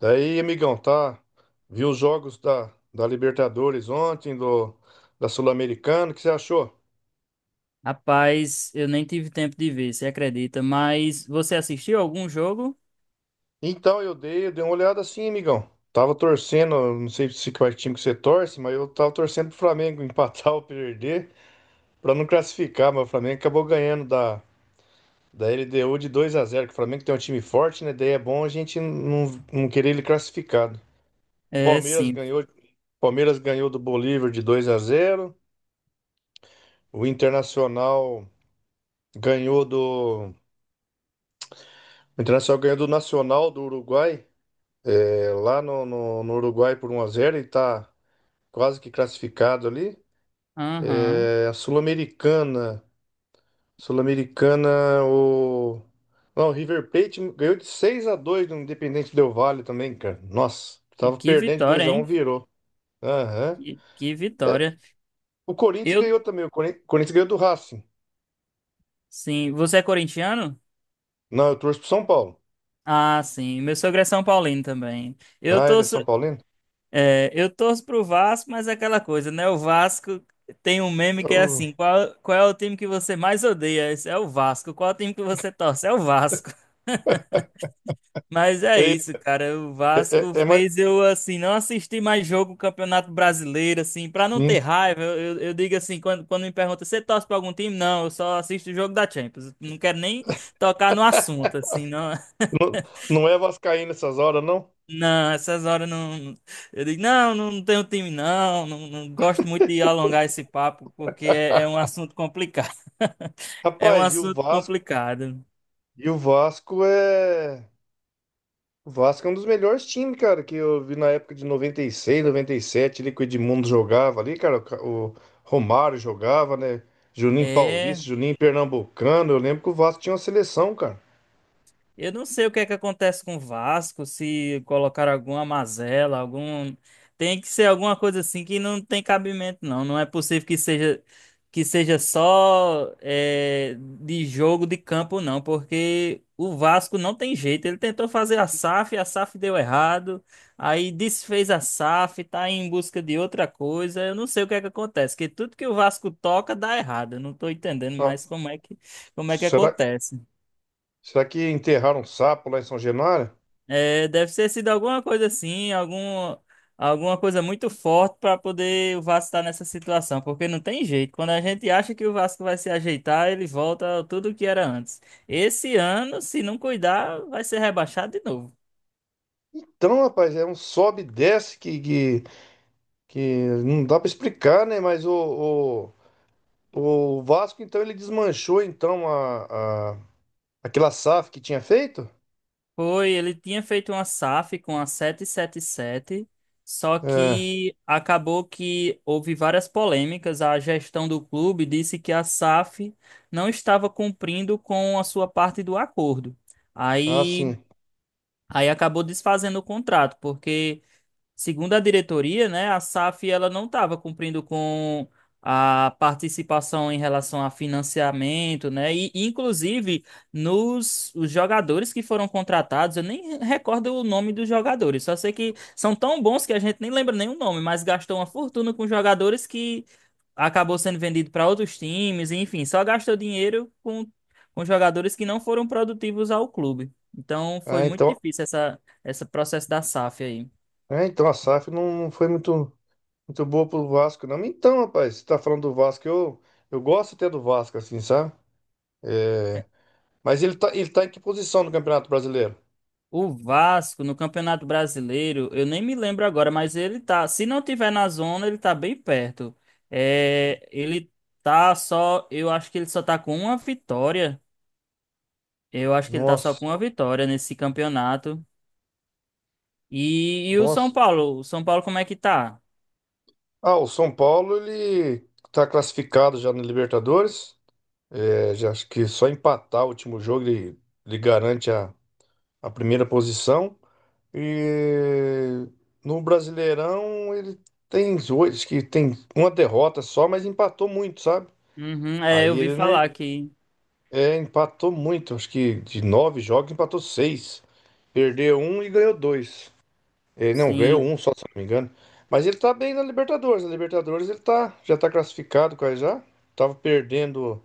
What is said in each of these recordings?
Daí, amigão, tá? Viu os jogos da Libertadores ontem, da Sul-Americana, o que você achou? Rapaz, eu nem tive tempo de ver, você acredita? Mas você assistiu algum jogo? Então, eu dei uma olhada assim, amigão. Tava torcendo, não sei se qual time que você torce, mas eu tava torcendo pro Flamengo empatar ou perder, pra não classificar, mas o Flamengo acabou ganhando da LDU de 2-0, que o Flamengo tem um time forte, né? Daí é bom a gente não querer ele classificado. É, Palmeiras sim. ganhou, Palmeiras ganhou do Bolívar de 2-0. O Internacional Ganhou do. O Internacional ganhou do Nacional do Uruguai, é, lá no Uruguai por 1-0 e tá quase que classificado ali. Aham. É, a Sul-Americana. Sul-Americana, o. Não, o River Plate ganhou de 6-2 do Independente Del Valle também, cara. Nossa, E tava que perdendo de vitória, 2-1, hein? virou. Aham. Que É, vitória. o Corinthians Eu, ganhou também. Corinthians ganhou do Racing. sim. Você é corintiano? Não, eu torço pro São Paulo. Ah, sim. Meu sogro é São Paulino também. Eu Ah, ele é torço, São Paulino? é, eu torço pro Vasco, mas é aquela coisa, né? O Vasco tem um meme que é Eu- assim: qual é o time que você mais odeia? Esse é o Vasco. Qual é o time que você torce? É o Vasco. Mas é É, isso, cara. O é, Vasco é mais. fez eu, assim, não assistir mais jogo do Campeonato Brasileiro, assim, pra não ter Sim. raiva. Eu digo assim, quando me perguntam, você torce pra algum time? Não, eu só assisto o jogo da Champions. Eu não quero nem tocar no assunto, assim, não. Não, não é vascaíno essas horas, não? Não, essas horas não. Eu digo, não, não tenho time, não. Não, não gosto muito de alongar esse papo, porque é um assunto complicado. É um Rapaz, e o assunto Vasco? complicado. E o Vasco é. O Vasco é um dos melhores times, cara, que eu vi na época de noventa e seis, noventa e sete, ali que o Edmundo jogava ali, cara. O Romário jogava, né? Juninho É. Paulista, Juninho Pernambucano. Eu lembro que o Vasco tinha uma seleção, cara. Eu não sei o que é que acontece com o Vasco, se colocar alguma mazela, algum. Tem que ser alguma coisa assim que não tem cabimento, não. Não é possível que seja só é, de jogo de campo, não, porque o Vasco não tem jeito. Ele tentou fazer a SAF deu errado, aí desfez a SAF, tá em busca de outra coisa. Eu não sei o que é que acontece, que tudo que o Vasco toca dá errado. Eu não tô entendendo Ah, mais como é que será, acontece. será que enterraram um sapo lá em São Januário? É, deve ter sido alguma coisa assim, alguma coisa muito forte para poder o Vasco estar nessa situação, porque não tem jeito. Quando a gente acha que o Vasco vai se ajeitar, ele volta ao tudo que era antes. Esse ano, se não cuidar, vai ser rebaixado de novo. Então, rapaz, é um sobe e desce que não dá pra explicar, né? O Vasco, então, ele desmanchou, então, aquela SAF que tinha feito? Foi, ele tinha feito uma SAF com a 777, só É. que acabou que houve várias polêmicas. A gestão do clube disse que a SAF não estava cumprindo com a sua parte do acordo. Ah, Aí sim. Aí acabou desfazendo o contrato, porque, segundo a diretoria, né, a SAF ela não estava cumprindo com a participação em relação a financiamento, né? E, inclusive, nos os jogadores que foram contratados, eu nem recordo o nome dos jogadores, só sei que são tão bons que a gente nem lembra nem o nome, mas gastou uma fortuna com jogadores que acabou sendo vendido para outros times, enfim, só gastou dinheiro com jogadores que não foram produtivos ao clube. Então foi Ah, muito então, difícil esse processo da SAF aí. então, a SAF não foi muito, muito boa pro Vasco, não. Então, rapaz, você tá falando do Vasco, eu gosto até do Vasco, assim, sabe? É. É, mas ele tá em que posição no Campeonato Brasileiro? O Vasco no Campeonato Brasileiro, eu nem me lembro agora, mas ele tá, se não tiver na zona, ele tá bem perto. É, ele tá só, eu acho que ele só tá com uma vitória. Eu acho que ele tá só Nossa, com uma vitória nesse campeonato. E o São nossa. Paulo, o São Paulo como é que tá? Ah, o São Paulo, ele tá classificado já na Libertadores. É, já acho que só empatar o último jogo, ele garante a primeira posição. E no Brasileirão ele tem oito, que tem uma derrota só, mas empatou muito, sabe? Uhum, Aí eu vi ele não falar que é, empatou muito, acho que de nove jogos empatou seis, perdeu um e ganhou dois. É, não, ganhou sim. um só, se eu não me engano. Mas ele tá bem na Libertadores. Na Libertadores já tá classificado quase já. Tava perdendo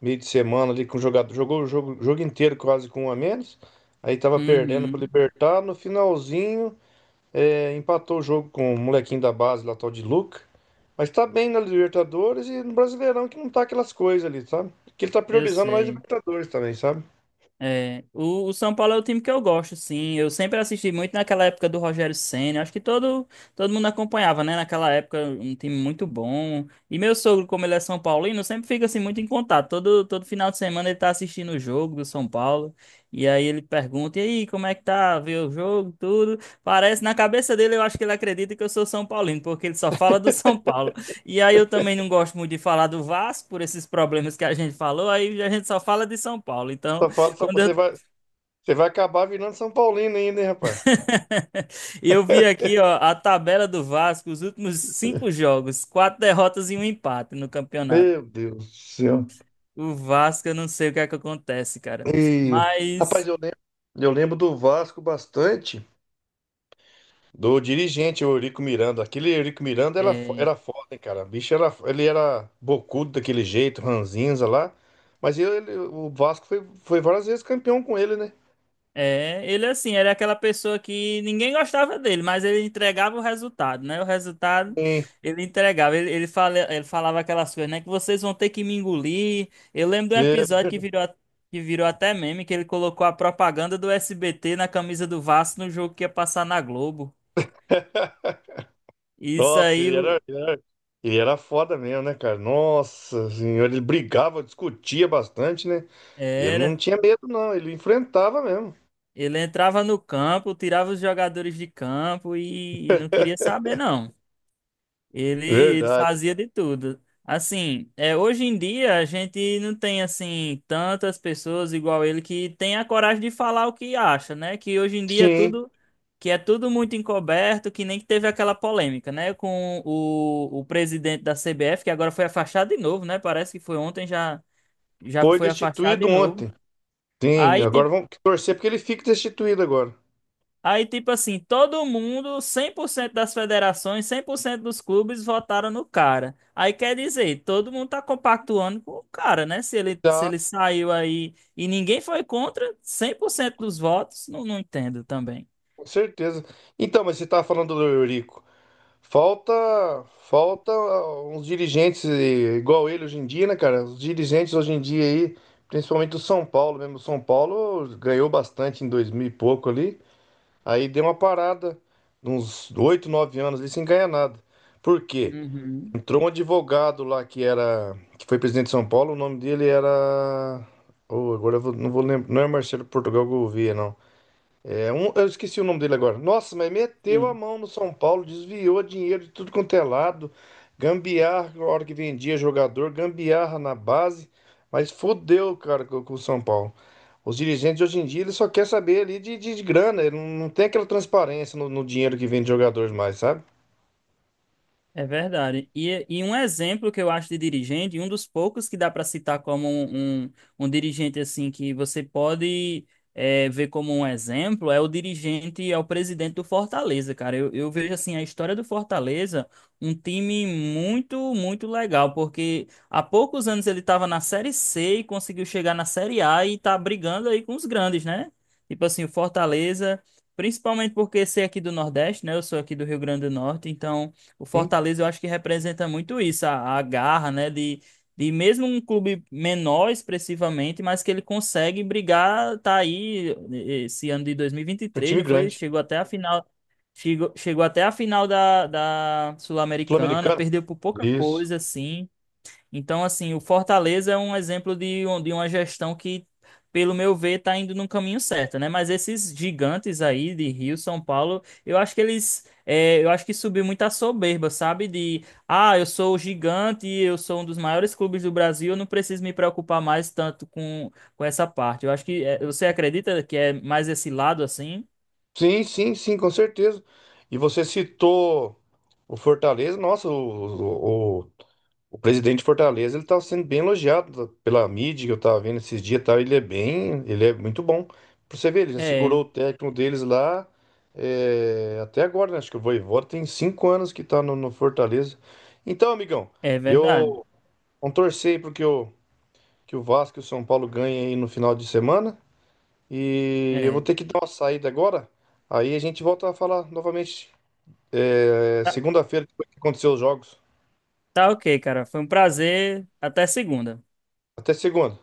meio de semana ali com o jogador, jogou o jogo inteiro quase com um a menos. Aí tava perdendo pro Uhum. Libertar, no finalzinho empatou o jogo com o molequinho da base lá, tal de Luca. Mas tá bem na Libertadores e no Brasileirão, que não tá aquelas coisas ali, sabe? Que ele tá Eu priorizando mais sei. Libertadores também, sabe? É, o São Paulo é o time que eu gosto, sim. Eu sempre assisti muito naquela época do Rogério Ceni. Acho que todo mundo acompanhava, né? Naquela época, um time muito bom. E meu sogro, como ele é São Paulino, sempre fica assim muito em contato. Todo final de semana ele tá assistindo o jogo do São Paulo. E aí ele pergunta: E aí, como é que tá? Vê o jogo, tudo. Parece, na cabeça dele, eu acho que ele acredita que eu sou São Paulino, porque ele só fala do São Paulo. E aí eu também não gosto muito de falar do Vasco, por esses problemas que a gente falou. Aí a gente só fala de São Paulo. Então. Só fala, só Quando eu. Você vai acabar virando São Paulino ainda, hein, rapaz? Eu vi aqui, ó, a tabela do Vasco, os últimos cinco jogos, quatro derrotas e um empate no campeonato. Meu Deus do céu. O Vasco, eu não sei o que é que acontece, cara. E, rapaz, Mas. eu lembro do Vasco bastante. Do dirigente, o Eurico Miranda. Aquele Eurico Miranda era, fo- é, era foda, hein, cara. Ele era bocudo daquele jeito, ranzinza lá. Mas o Vasco foi várias vezes campeão com ele, né? É, ele assim, era aquela pessoa que ninguém gostava dele, mas ele entregava o resultado, né? O resultado Sim. ele entregava. Ele falava aquelas coisas, né? Que vocês vão ter que me engolir. Eu lembro de um É. episódio que virou, que virou até meme, que ele colocou a propaganda do SBT na camisa do Vasco no jogo que ia passar na Globo. Isso Nossa, aí ele era foda mesmo, né, cara? Nossa Senhora, ele brigava, discutia bastante, né? E ele não era. tinha medo, não. Ele enfrentava mesmo. Ele entrava no campo, tirava os jogadores de campo e não queria saber, não. Ele, ele Verdade. fazia de tudo. Assim, hoje em dia a gente não tem assim tantas pessoas igual ele que tem a coragem de falar o que acha, né? Que hoje em dia é Sim, tudo que é tudo muito encoberto, que nem que teve aquela polêmica, né? Com o presidente da CBF, que agora foi afastado de novo, né? Parece que foi ontem, já foi foi afastado destituído de novo. ontem. Sim, Aí, agora vamos torcer porque ele fique destituído agora. Aí, tipo assim, todo mundo, 100% das federações, 100% dos clubes votaram no cara. Aí quer dizer, todo mundo tá compactuando com o cara, né? Se ele, se Tá. ele saiu aí e ninguém foi contra, 100% dos votos, não entendo também. Com certeza. Então, mas você estava falando do Eurico. Falta, falta, uns dirigentes, igual ele hoje em dia, né, cara? Os dirigentes hoje em dia aí, principalmente do São Paulo mesmo. O São Paulo ganhou bastante em 2000 e pouco ali. Aí deu uma parada, uns 8 9 anos ali sem ganhar nada. Por quê? Uhum, Entrou um advogado lá que foi presidente de São Paulo, o nome dele era. Oh, agora não vou lembrar. Não é Marcelo Portugal Gouveia, não. Eu esqueci o nome dele agora. Nossa, mas meteu a sim. mão no São Paulo, desviou dinheiro de tudo quanto é lado, gambiarra na hora que vendia jogador, gambiarra na base, mas fodeu, cara, com o São Paulo. Os dirigentes de hoje em dia, eles só querem saber ali de grana, ele não tem aquela transparência no dinheiro que vem de jogadores mais, sabe? É verdade. E um exemplo que eu acho de dirigente, e um dos poucos que dá para citar como um, dirigente assim que você pode ver como um exemplo, é o dirigente, é o presidente do Fortaleza, cara. Eu vejo assim a história do Fortaleza, um time muito, muito legal, porque há poucos anos ele estava na Série C e conseguiu chegar na Série A e tá brigando aí com os grandes, né? Tipo assim, o Fortaleza, principalmente porque ser aqui do Nordeste, né? Eu sou aqui do Rio Grande do Norte, então. O Sim, Fortaleza eu acho que representa muito isso, a garra, né? De mesmo um clube menor expressivamente, mas que ele consegue brigar, tá aí esse ano de é um 2023, time não foi? grande. Chegou até a final, chegou até a final da Sul-Americana, Sul-Americana? perdeu por pouca Isso. coisa, assim. Então, assim, o Fortaleza é um exemplo de, de uma gestão que, pelo meu ver, está indo no caminho certo, né? Mas esses gigantes aí de Rio, São Paulo, eu acho que subiu muita soberba, sabe? Eu sou o gigante, eu sou um dos maiores clubes do Brasil, eu não preciso me preocupar mais tanto com, essa parte. Eu acho que, você acredita que é mais esse lado assim? Sim, sim, sim, com certeza. E você citou o Fortaleza, nossa, o presidente de Fortaleza, ele tá sendo bem elogiado pela mídia que eu tava vendo esses dias, e ele é muito bom. Pra você ver, ele já É, segurou o técnico deles lá, até agora, né? Acho que o Vojvoda tem 5 anos que tá no Fortaleza. Então, amigão, é verdade. eu vou torcer aí pro que o Vasco e o São Paulo ganhem aí no final de semana. E eu vou É. ter que dar uma saída agora. Aí a gente volta a falar novamente, Tá, segunda-feira, depois que acontecer os jogos. tá ok, cara. Foi um prazer. Até segunda. Até segunda.